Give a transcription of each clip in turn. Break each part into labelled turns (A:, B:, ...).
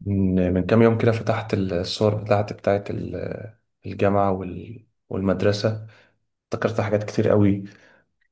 A: من كام يوم كده فتحت الصور بتاعتي بتاعت الجامعة والمدرسة. افتكرت حاجات كتير قوي.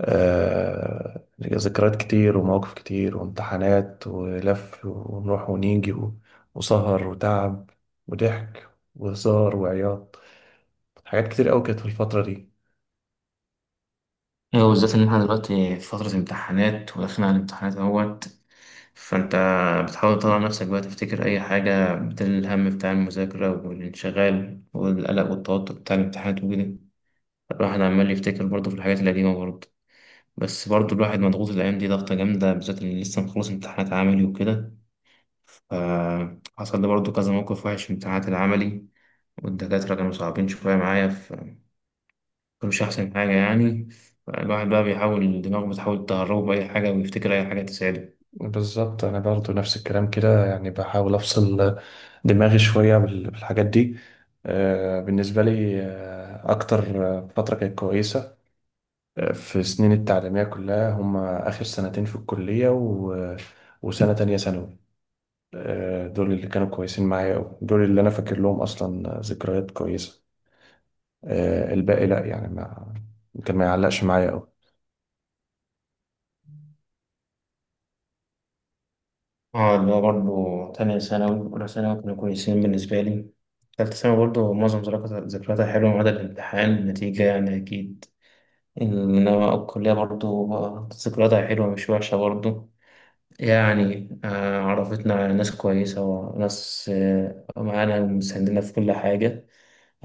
A: ذكريات كتير ومواقف كتير وامتحانات ولف ونروح ونيجي وسهر وتعب وضحك وهزار وعياط. حاجات كتير قوي كانت في الفترة دي.
B: ايوه، بالذات ان احنا دلوقتي في فترة امتحانات وداخلين على الامتحانات اهوت. فانت بتحاول تطلع نفسك بقى، تفتكر اي حاجة بدل الهم بتاع المذاكرة والانشغال والقلق والتوتر بتاع الامتحانات وكده. الواحد عمال يفتكر برضه في الحاجات القديمة برضه. بس برضه الواحد مضغوط الأيام دي ضغطة جامدة، بالذات اللي لسه مخلص امتحانات عملي وكده. فحصل لي برضه كذا موقف وحش في امتحانات العملي، والدكاترة كانوا صعبين شوية معايا. مش أحسن حاجة يعني. الواحد بقى بيحاول، دماغه بتحاول تهربه بأي حاجة ويفتكر أي حاجة تساعده.
A: بالظبط، أنا برضو نفس الكلام كده، يعني بحاول أفصل دماغي شوية بالحاجات دي. بالنسبة لي أكتر فترة كانت كويسة في سنين التعليمية كلها هم آخر سنتين في الكلية وسنة تانية ثانوي. دول اللي كانوا كويسين معايا أوي، دول اللي أنا فاكر لهم أصلا ذكريات كويسة. الباقي لأ، يعني ما كان ما يعلقش معايا أوي.
B: اه، اللي هو برضه تانية ثانوي أولى ثانوي كانوا كويسين بالنسبة لي. تالتة ثانوي برضه معظم ذكرياتها حلوة ما عدا الامتحان النتيجة يعني أكيد. إنما الكلية برضه ذكرياتها حلوة مش وحشة برضه. يعني عرفتنا على ناس كويسة وناس معانا ومساندنا في كل حاجة.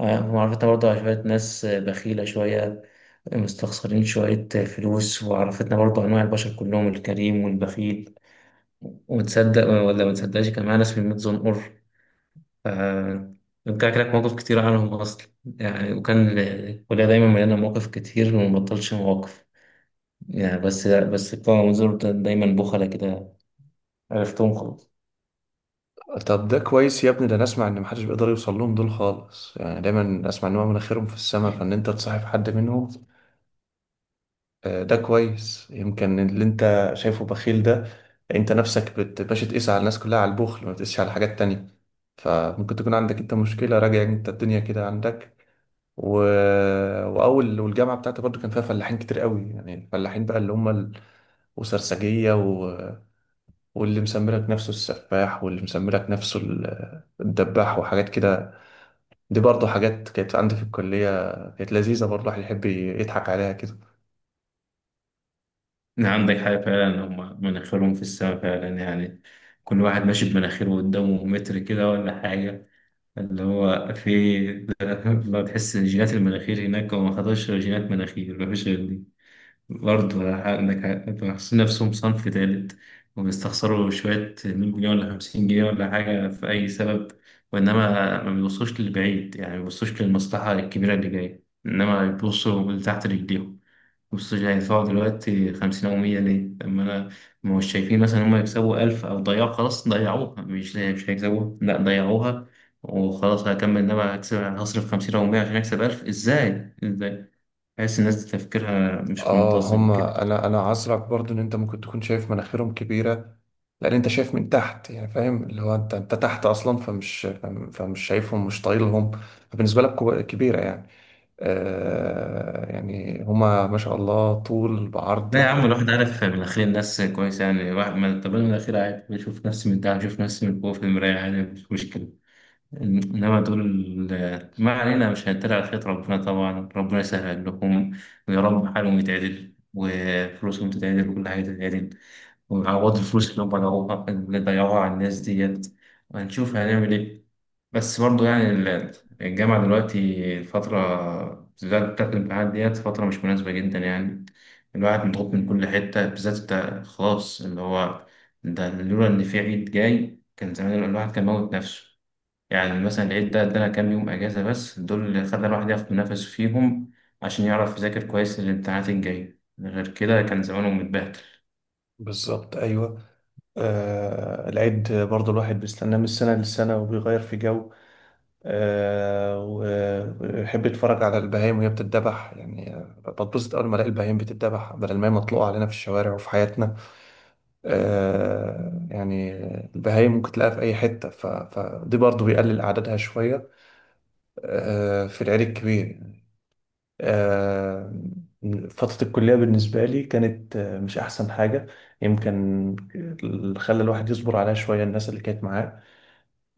B: وعرفتنا برضه على شوية ناس بخيلة شوية، مستخسرين شوية فلوس. وعرفتنا برضو أنواع البشر كلهم، الكريم والبخيل. وتصدق ولا ما تصدقش، كان معانا اسم ميت زنقر. ف رجع لك مواقف كتير عنهم أصلا يعني. وكان الكلية دايما مليانة مواقف كتير وما بطلش مواقف يعني. بس بتوع منظور ده دايما بخلة كده. عرفتهم خلاص.
A: طب ده كويس يا ابني. ده أنا أسمع إن محدش بيقدر يوصل لهم دول خالص، يعني دايما أسمع إن هم مناخيرهم في السما، فإن أنت تصاحب حد منهم. ده كويس. يمكن اللي انت شايفه بخيل ده، انت نفسك باش تقيس على الناس كلها على البخل، ما بتقيسش على حاجات تانية. فممكن تكون عندك انت مشكلة. راجع انت الدنيا كده عندك. و... والجامعة بتاعتي برضو كان فيها فلاحين كتير قوي. يعني الفلاحين بقى اللي هم وسرسجية واللي مسميلك نفسه السفاح، واللي مسميلك نفسه الدباح، وحاجات كده. دي برضو حاجات كانت عندي في الكلية، كانت لذيذة. برضو الواحد يحب يضحك عليها كده.
B: عندك حاجة فعلا، هم مناخيرهم في السماء فعلا يعني. كل واحد ماشي بمناخيره قدامه متر كده ولا حاجة. اللي هو في ما تحس الجينات المناخير هناك، هو ما خدش غير جينات مناخير ما فيش غير دي. برضه انتوا حاسين نفسهم صنف تالت، وبيستخسروا شوية 100 جنيه ولا 50 جنيه ولا حاجة في أي سبب. وإنما ما بيبصوش للبعيد، يعني ما بيبصوش للمصلحة الكبيرة اللي جاية، إنما بيبصوا لتحت رجليهم. بيبصوا يعني هيدفعوا دلوقتي 50 أو 100 ليه؟ طب ما أنا، ما مش شايفين مثلا هما يكسبوا 1000 أو ضيعوا. خلاص ضيعوها، مش هيكسبوها، لا ضيعوها وخلاص هكمل. إنما هكسب، هصرف 50 أو 100 عشان أكسب 1000 إزاي؟ إزاي؟ تحس الناس دي تفكيرها مش
A: اه،
B: منتظم كده.
A: هما انا عذرك برضو ان انت ممكن تكون شايف مناخيرهم كبيره، لان انت شايف من تحت. يعني فاهم اللي هو انت تحت اصلا، فمش شايفهم، مش طايلهم. فبالنسبه لك كبيره يعني. آه، يعني هما ما شاء الله طول بعرض
B: لا يا عم، الواحد عارف من الاخير الناس كويسه يعني. واحد ما، طب انا من الاخير عادي بشوف نفسي من ده، بشوف نفسي من جوه في المرايه عادي مش مشكله. انما دول، ما علينا مش هنتريق على خيط ربنا. طبعا ربنا يسهل لهم، ويا رب حالهم يتعدل وفلوسهم تتعدل وكل حاجه تتعدل، ويعوضوا الفلوس اللي هم ضيعوها، اللي ضيعوها على الناس ديت. وهنشوف هنعمل ايه. بس برضه يعني الجامعة دلوقتي، الفترة بالذات بتاعت الامتحانات ديت فترة مش مناسبة جدا يعني. الواحد مضغوط من كل حتة، بالذات انت خلاص اللي هو. ده لولا إن في عيد جاي كان زمان الواحد كان موت نفسه. يعني مثلا العيد ده ادانا كام يوم أجازة، بس دول اللي خلى الواحد ياخد نفسه فيهم عشان يعرف يذاكر كويس للامتحانات الجاية. غير كده كان زمانه متبهدل.
A: بالظبط. ايوه. آه، العيد برضو الواحد بيستناه من السنه للسنه، وبيغير في جو. وبحب اتفرج على البهايم وهي بتتذبح. يعني بتبسط اول ما الاقي البهايم بتتذبح، بدل ما هي مطلوقه علينا في الشوارع وفي حياتنا. يعني البهايم ممكن تلاقيها في اي حته، فدي برضو بيقلل اعدادها شويه في العيد الكبير. آه، فترة الكلية بالنسبة لي كانت مش أحسن حاجة. يمكن اللي خلى الواحد يصبر عليها شوية الناس اللي كانت معاه.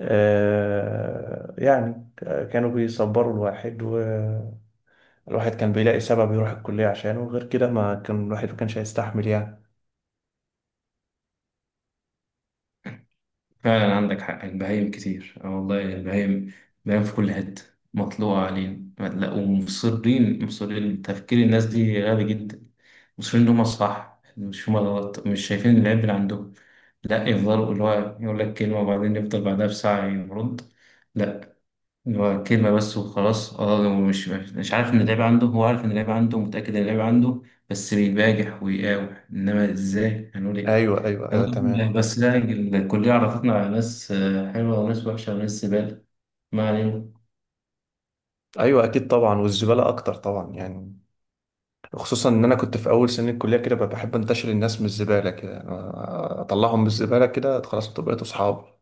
A: يعني كانوا بيصبروا الواحد. الواحد كان بيلاقي سبب يروح الكلية عشانه، غير كده ما كان الواحد ما كانش هيستحمل يعني.
B: فعلا عندك حق، البهايم كتير اه والله. البهايم، البهايم في كل حتة مطلوعة علينا. لا ومصرين تفكير الناس دي غبي جدا. مصرين إن هما صح مش هما غلط، مش شايفين العيب اللي عندهم. لا يفضلوا، اللي هو يقول لك كلمة وبعدين يفضل بعدها بساعة يرد. لا، هو كلمة بس وخلاص. اه، هو مش عارف ان اللعيبة عنده، هو عارف ان اللعيبة عنده، متأكد ان اللعيبة عنده، بس بيباجح ويقاوح. انما ازاي هنقول ايه.
A: ايوه، ايوه، ايوه،
B: يلا،
A: تمام.
B: بس لا الكلية عرفتنا على ناس حلوة وناس وحشة وناس زبالة. ما علينا.
A: ايوه، اكيد طبعا، والزبالة اكتر طبعا يعني. خصوصا ان انا كنت في اول سنة الكلية كده بحب انتشر الناس من الزبالة كده. يعني اطلعهم من الزبالة كده، خلاص بقيت اصحاب.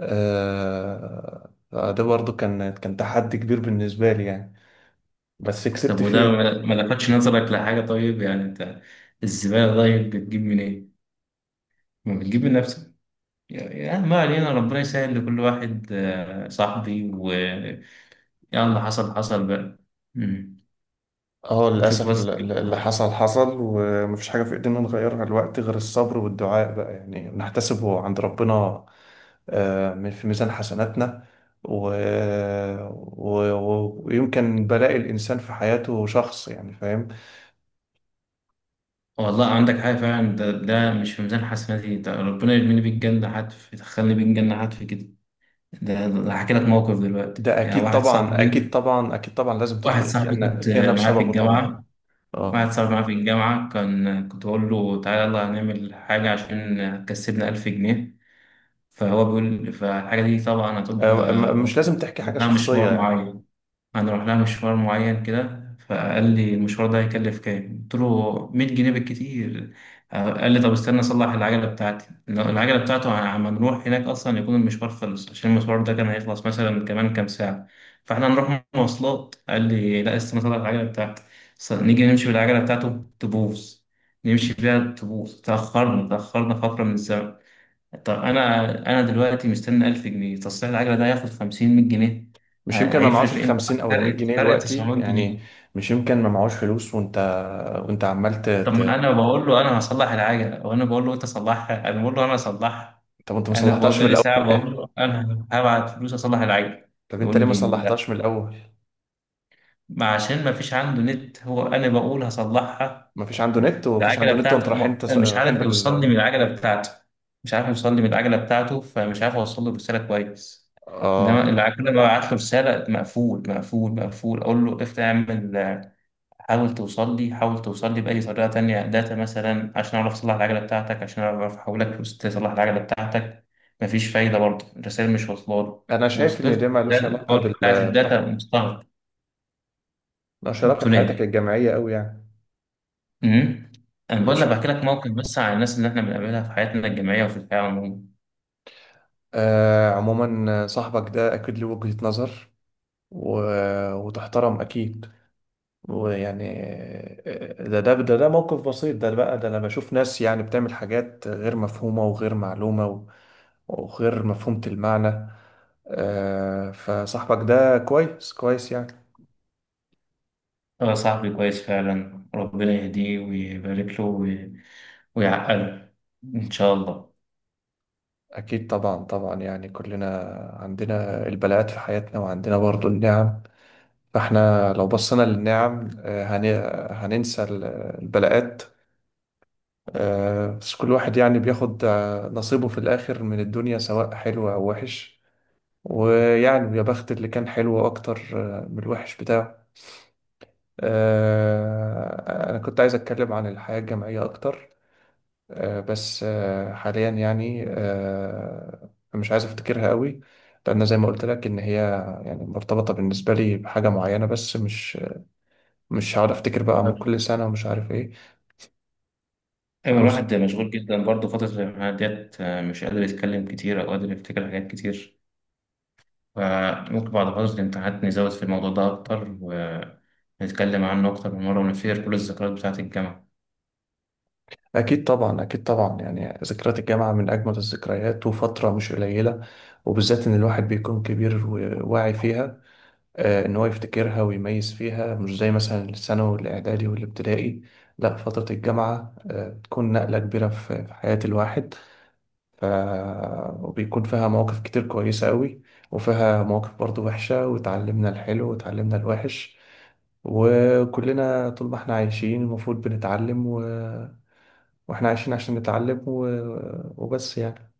A: آه، ده برضو كان تحدي كبير بالنسبة لي يعني، بس
B: طب
A: كسبت
B: وده
A: فيه.
B: ما لفتش نظرك لحاجة؟ طيب يعني انت الزبالة طيب بتجيب منين؟ ما بتجيب من نفسك. يعني ما علينا، ربنا يسهل لكل واحد. صاحبي ويلا، حصل حصل بقى. مم.
A: اه،
B: نشوف
A: للأسف
B: بس.
A: اللي حصل حصل، ومفيش حاجة في إيدينا نغيرها دلوقتي غير الصبر والدعاء بقى. يعني نحتسبه عند ربنا آه، من- في ميزان حسناتنا. و... ويمكن بلاء الإنسان في حياته شخص، يعني فاهم.
B: والله عندك حاجة فعلا، ده مش في ميزان حسناتي، ده ربنا يرميني بيك جنة حتف، يدخلني بيك جنة حتف كده. ده هحكي لك موقف دلوقتي.
A: ده
B: يعني
A: أكيد
B: واحد
A: طبعا،
B: صاحبي،
A: أكيد طبعا، أكيد طبعا. لازم
B: واحد
A: تدخل
B: صاحبي
A: الجنة،
B: كنت
A: الجنة
B: معاه في
A: بسببه طبعا.
B: الجامعة واحد
A: اه،
B: صاحبي معاه في الجامعة، كان كنت بقول له تعالى يلا هنعمل حاجة عشان هتكسبنا ألف جنيه. فهو بيقول، فالحاجة دي طبعا هتبقى
A: مش لازم تحكي حاجة
B: محتاجة
A: شخصية
B: مشوار
A: يعني.
B: معين، هنروح لها مشوار معين كده. فقال لي المشوار ده هيكلف كام؟ قلت له 100 جنيه بالكتير. قال لي طب استنى اصلح العجله بتاعتي. لو العجله بتاعته عم نروح هناك اصلا يكون المشوار خلص، عشان المشوار ده كان هيخلص مثلا كمان كام ساعه. فاحنا هنروح مواصلات، قال لي لا استنى اصلح العجله بتاعتي. نيجي نمشي بالعجله بتاعته تبوظ، نمشي بيها تبوظ. تأخرنا فترة من الزمن. طب انا دلوقتي مستني 1000 جنيه. تصليح العجله ده هياخد 50 100 جنيه.
A: مش يمكن ما
B: هيفرق
A: معهوش
B: في ايه؟
A: الخمسين أو المية
B: فرق
A: جنيه
B: فرق
A: دلوقتي
B: 900
A: يعني؟
B: جنيه
A: مش يمكن ما معهوش فلوس، وانت عمال
B: طب ما انا بقول له انا هصلح العجله، وانا بقول له انت صلحها، انا بقول له انا هصلحها.
A: طب انت ما
B: انا بقول
A: صلحتهاش من
B: بقالي
A: الاول
B: ساعه، بقول
A: ليه؟
B: له انا هبعت فلوس اصلح العجله.
A: طب انت
B: يقول
A: ليه ما
B: لي لا.
A: صلحتهاش من الاول؟
B: ما عشان ما فيش عنده نت، هو انا بقول هصلحها.
A: ما فيش عنده نت، وما فيش
B: العجلة
A: عنده نت وانت
B: بتاعته
A: رايحين
B: مش
A: رايحين
B: عارف يوصل لي من
A: بال.
B: العجلة بتاعته. مش عارف يوصل لي من العجلة بتاعته. فمش عارف أوصل له الرسالة كويس. إنما
A: اه،
B: العجلة، ببعت له رسالة مقفول مقفول مقفول. أقول له افتح اعمل، حاول توصل لي، حاول توصل لي بأي طريقة تانية، داتا مثلا، عشان أعرف أصلح العجلة بتاعتك، عشان أعرف أحولك فلوس تصلح العجلة بتاعتك. مفيش فايدة برضه الرسائل مش واصلة له.
A: انا شايف
B: وصلت
A: ان
B: له،
A: ده
B: ده
A: ملوش علاقه
B: الحوار بتاعت الداتا
A: بح-
B: مستغرب.
A: ملوش علاقه بحياتك
B: تولد.
A: الجامعيه قوي يعني.
B: امم انا بقول
A: ملوش
B: لك
A: ع-
B: بحكي لك موقف بس عن الناس اللي احنا بنقابلها في حياتنا الجامعيه وفي الحياه عموما.
A: آه، عموما صاحبك ده اكيد له وجهه نظر، و... وتحترم اكيد. ويعني ده موقف بسيط ده بقى، ده لما اشوف ناس يعني بتعمل حاجات غير مفهومة وغير معلومة وغير مفهومة المعنى. فصاحبك ده كويس يعني.
B: هو صاحبي كويس فعلا، ربنا يهديه ويبارك له ويعقله ان شاء الله.
A: اكيد طبعا، طبعا. يعني كلنا عندنا البلاءات في حياتنا، وعندنا برضو النعم. فاحنا لو بصينا للنعم هننسى البلاءات. بس كل واحد يعني بياخد نصيبه في الاخر من الدنيا، سواء حلو او وحش. ويعني يا بخت اللي كان حلو اكتر من الوحش بتاعه. انا كنت عايز اتكلم عن الحياة الجامعية اكتر، بس حاليا يعني مش عايز افتكرها قوي، لان زي ما قلت لك ان هي يعني مرتبطة بالنسبة لي بحاجة معينة. بس مش هقعد افتكر بقى من كل
B: طيب.
A: سنة ومش عارف ايه.
B: ايوه،
A: عاوز
B: الواحد مشغول جدا برضه فتره الامتحانات ديت. مش قادر يتكلم كتير او قادر يفتكر حاجات كتير. فممكن بعد فتره الامتحانات نزود في الموضوع ده اكتر، ونتكلم عنه اكتر من مره، ونفير كل الذكريات بتاعه الجامعه.
A: اكيد طبعا، اكيد طبعا. يعني ذكريات الجامعة من اجمل الذكريات، وفترة مش قليلة، وبالذات ان الواحد بيكون كبير وواعي فيها. ان هو يفتكرها ويميز فيها، مش زي مثلا الثانوي والاعدادي والابتدائي. لا، فترة الجامعة بتكون نقلة كبيرة في حياة الواحد. ف... وبيكون فيها مواقف كتير كويسة قوي، وفيها مواقف برضو وحشة. وتعلمنا الحلو وتعلمنا الوحش، وكلنا طول ما احنا عايشين المفروض بنتعلم، واحنا عايشين عشان نتعلم. وبس يعني.